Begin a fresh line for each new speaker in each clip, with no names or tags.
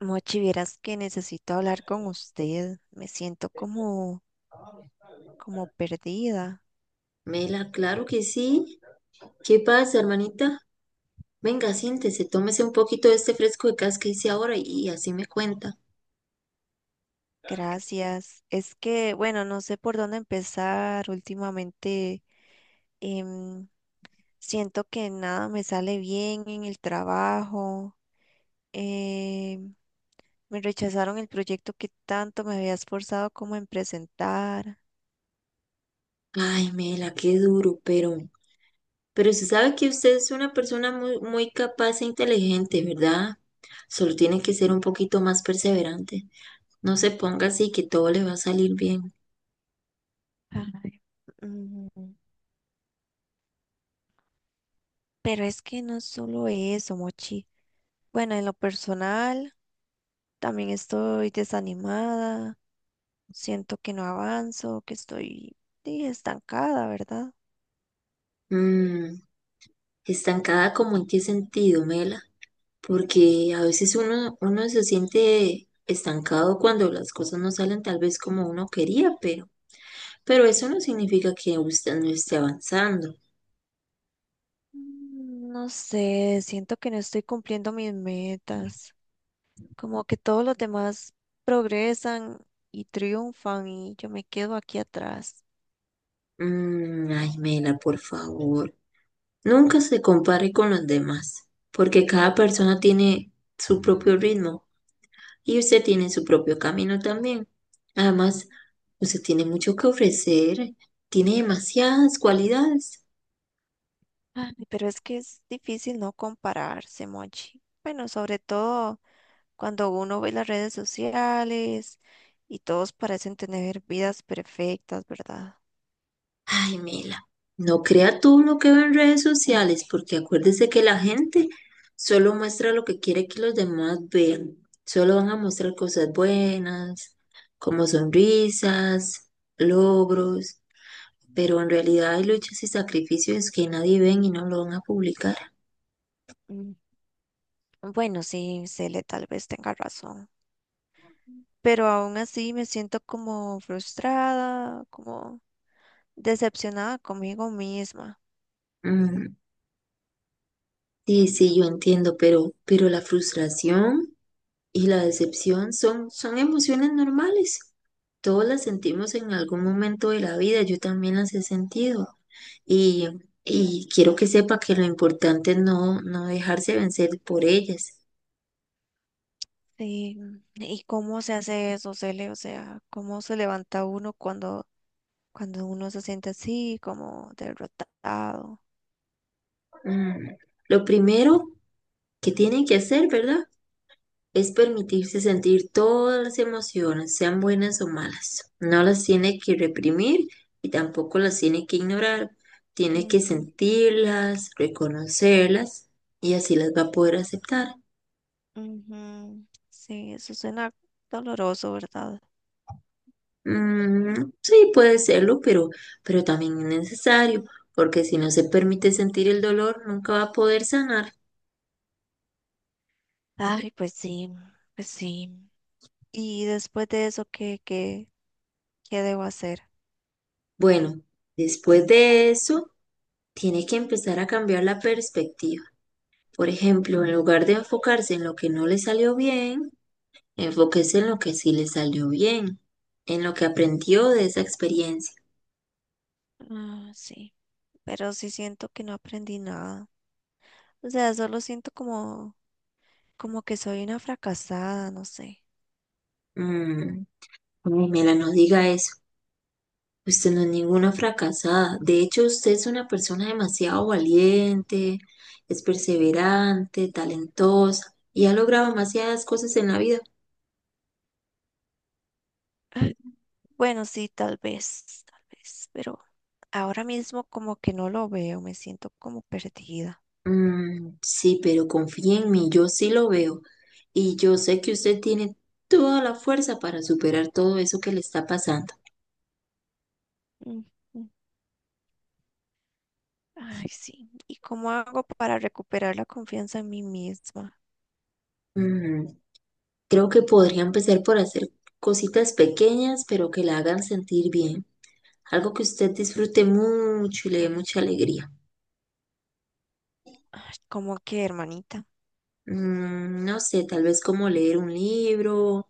Mochi, vieras que necesito hablar con usted. Me siento como, como perdida.
Mela, claro que sí. ¿Qué pasa, hermanita? Venga, siéntese, tómese un poquito de este fresco de cas que hice ahora y, así me cuenta.
Gracias. Es que, bueno, no sé por dónde empezar. Últimamente em, siento que nada me sale bien en el trabajo. em, me rechazaron el proyecto que tanto me había esforzado como en presentar.
Ay, Mela, qué duro, pero se sabe que usted es una persona muy, muy capaz e inteligente, ¿verdad? Solo tiene que ser un poquito más perseverante. No se ponga así que todo le va a salir bien.
Ay. Ujú. Pero es que no es solo eso, Mochi. Bueno, en lo personal, también estoy desanimada, siento que no avanzo, que estoy sí, estancada, ¿verdad?
Mm, estancada, como en qué sentido, Mela? Porque a veces uno se siente estancado cuando las cosas no salen tal vez como uno quería, pero eso no significa que usted no esté avanzando.
Mm, no sé, siento que no estoy cumpliendo mis metas, como que todos los demás progresan y triunfan y yo me quedo aquí atrás.
Mm, ay, Mela, por favor. Nunca se compare con los demás, porque cada persona tiene su propio ritmo y usted tiene su propio camino también. Además, usted tiene mucho que ofrecer, tiene demasiadas cualidades.
Ay, pero es que es difícil no compararse, Mochi. Bueno, sobre todo cuando uno ve las redes sociales y todos parecen tener vidas perfectas, ¿verdad?
Ay, Mela, no crea tú lo que ve en redes sociales, porque acuérdese que la gente solo muestra lo que quiere que los demás vean. Solo van a mostrar cosas buenas, como sonrisas, logros, pero en realidad hay luchas y sacrificios que nadie ven y no lo van a publicar.
Mm, bueno, sí, Cele tal vez tenga razón, pero aún así me siento como frustrada, como decepcionada conmigo misma.
Mm, sí, sí, yo entiendo, pero, la frustración y la decepción son emociones normales. Todos las sentimos en algún momento de la vida, yo también las he sentido. Y, quiero que sepa que lo importante es no dejarse vencer por ellas.
Sí, ¿y cómo se hace eso, Cele? O sea, ¿cómo se levanta uno cuando uno se siente así, como derrotado?
Mm, lo primero que tienen que hacer, ¿verdad? Es permitirse sentir todas las emociones, sean buenas o malas. No las tiene que reprimir y tampoco las tiene que ignorar. Tiene que
Ujú,
sentirlas, reconocerlas, y así las va a poder aceptar.
ujú. Sí, eso suena doloroso, ¿verdad?
Mm, sí, puede serlo, pero, también es necesario, porque si no se permite sentir el dolor, nunca va a poder sanar.
Ay, pues sí, pues sí. Y después de eso, ¿qué debo hacer?
Bueno, después de eso, tiene que empezar a cambiar la perspectiva. Por ejemplo, en lugar de enfocarse en lo que no le salió bien, enfóquese en lo que sí le salió bien, en lo que aprendió de esa experiencia.
Ah, sí, pero sí siento que no aprendí nada. O sea, solo siento como, como que soy una fracasada, no sé.
Mm, Pamela, no diga eso. Usted no es ninguna fracasada. De hecho, usted es una persona demasiado valiente, es perseverante, talentosa y ha logrado demasiadas cosas en la vida.
Bueno, sí, tal vez, pero ahora mismo como que no lo veo, me siento como perdida.
Mm, sí, pero confíe en mí, yo sí lo veo y yo sé que usted tiene toda la fuerza para superar todo eso que le está pasando.
Mm, mm. Ay, sí. ¿Y cómo hago para recuperar la confianza en mí misma?
Mm, creo que podría empezar por hacer cositas pequeñas, pero que la hagan sentir bien. Algo que usted disfrute mucho y le dé mucha alegría.
Ay, ¿cómo que, hermanita?
Mm, no sé, tal vez como leer un libro,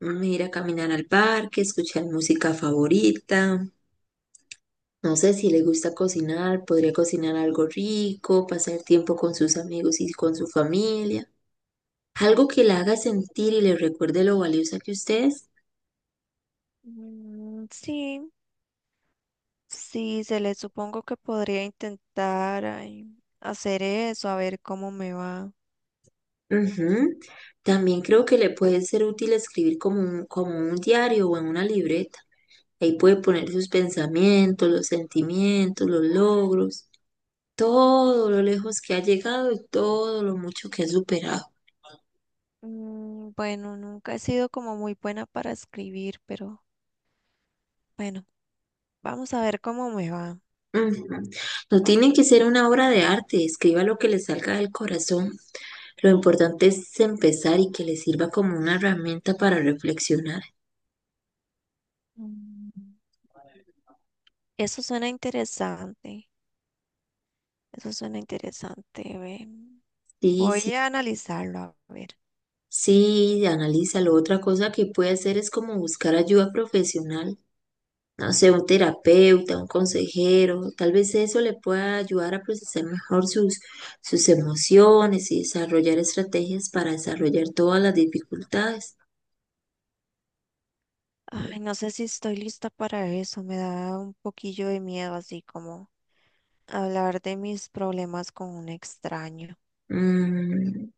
mm, ir a caminar al parque, escuchar música favorita. No sé si le gusta cocinar, podría cocinar algo rico, pasar tiempo con sus amigos y con su familia. Algo que la haga sentir y le recuerde lo valiosa que usted es.
Mm, sí, sí, se le supongo que podría intentar ay, hacer eso, a ver cómo me va.
Ujú. También creo que le puede ser útil escribir como un diario o en una libreta. Ahí puede poner sus pensamientos, los sentimientos, los logros, todo lo lejos que ha llegado y todo lo mucho que ha superado.
Mm, bueno, nunca he sido como muy buena para escribir, pero bueno, vamos a ver cómo me va.
Ujú. No tiene que ser una obra de arte, escriba lo que le salga del corazón. Lo importante es empezar y que le sirva como una herramienta para reflexionar.
Mm. Eso suena interesante, eso suena interesante. Ve. Voy
Sí,
a analizarlo, a ver.
sí, analízalo. Otra cosa que puede hacer es como buscar ayuda profesional. No sé, un terapeuta, un consejero. Tal vez eso le pueda ayudar a procesar mejor sus, emociones y desarrollar estrategias para desarrollar todas las dificultades.
Ay, no sé si estoy lista para eso, me da un poquillo de miedo, así como hablar de mis problemas con un extraño.
Mm,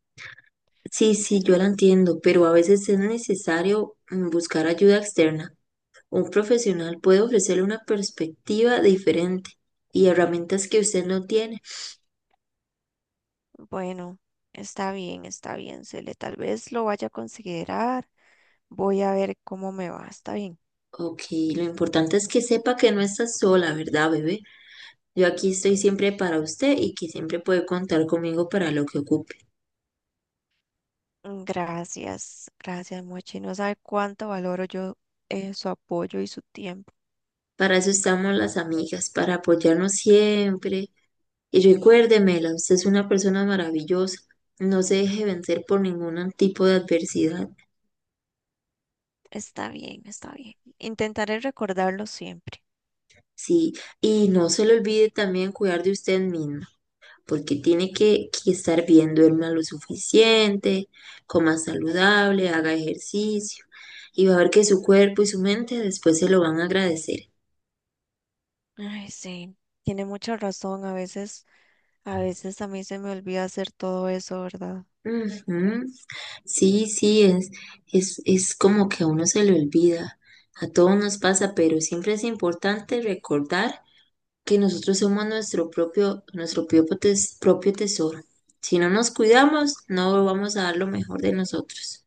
sí, sí, yo la entiendo, pero a veces es necesario buscar ayuda externa. Un profesional puede ofrecerle una perspectiva diferente y herramientas que usted no tiene.
Bueno, está bien, Cele, tal vez lo vaya a considerar. Voy a ver cómo me va, está bien.
Ok, lo importante es que sepa que no está sola, ¿verdad, bebé? Yo aquí estoy siempre para usted y que siempre puede contar conmigo para lo que ocupe.
Mm, gracias, gracias, Mochi. No sabe cuánto valoro yo su apoyo y su tiempo.
Para eso estamos las amigas, para apoyarnos siempre. Y recuérdemela, usted es una persona maravillosa. No se deje vencer por ningún tipo de adversidad.
Está bien, está bien. Intentaré recordarlo siempre.
Sí, y no se le olvide también cuidar de usted misma, porque tiene que estar bien, duerma lo suficiente, coma saludable, haga ejercicio, y va a ver que su cuerpo y su mente después se lo van a agradecer.
Ay, sí, tiene mucha razón. A veces, a veces a mí se me olvida hacer todo eso, ¿verdad?
Ujú. Sí, sí, es como que a uno se le olvida, a todos nos pasa, pero siempre es importante recordar que nosotros somos nuestro propio tesoro. Si no nos cuidamos, no vamos a dar lo mejor de nosotros.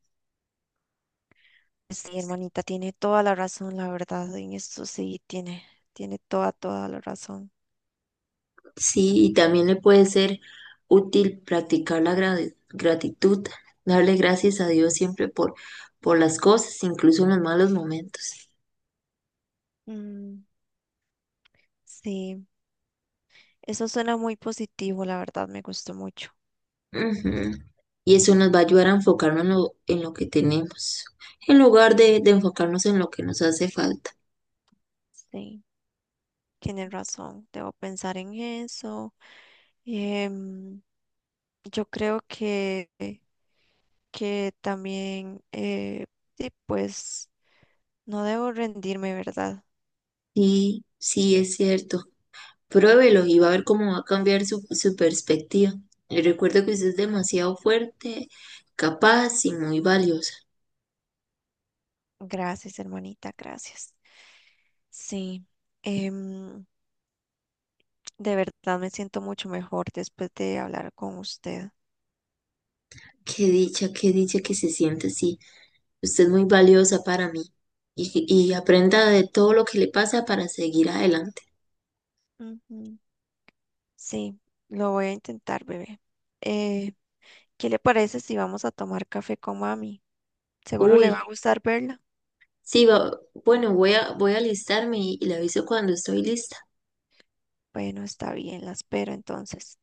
Sí, hermanita, tiene toda la razón, la verdad. En esto sí, tiene, tiene toda, toda la razón.
Sí, y también le puede ser útil practicar la gratitud, darle gracias a Dios siempre por, las cosas, incluso en los malos momentos.
Mm, sí, eso suena muy positivo, la verdad, me gustó mucho.
Ujú. Y eso nos va a ayudar a enfocarnos en lo que tenemos, en lugar de enfocarnos en lo que nos hace falta.
Sí, tiene razón. Debo pensar en eso. Em, yo creo que también, sí, pues no debo rendirme, ¿verdad?
Sí, sí, es cierto. Pruébelo y va a ver cómo va a cambiar su, perspectiva. Y recuerda que usted es demasiado fuerte, capaz y muy valiosa.
Gracias, hermanita, gracias. Sí, em, de verdad me siento mucho mejor después de hablar con usted.
Qué dicha que se siente así. Usted es muy valiosa para mí, y, aprenda de todo lo que le pasa para seguir adelante.
Ujú. Sí, lo voy a intentar, bebé. Eh, ¿Qué le parece si vamos a tomar café con mami? Seguro le va a
Uy,
gustar verla.
sí, bueno, voy a alistarme y, le aviso cuando estoy lista.
Bueno, está bien, la espero entonces.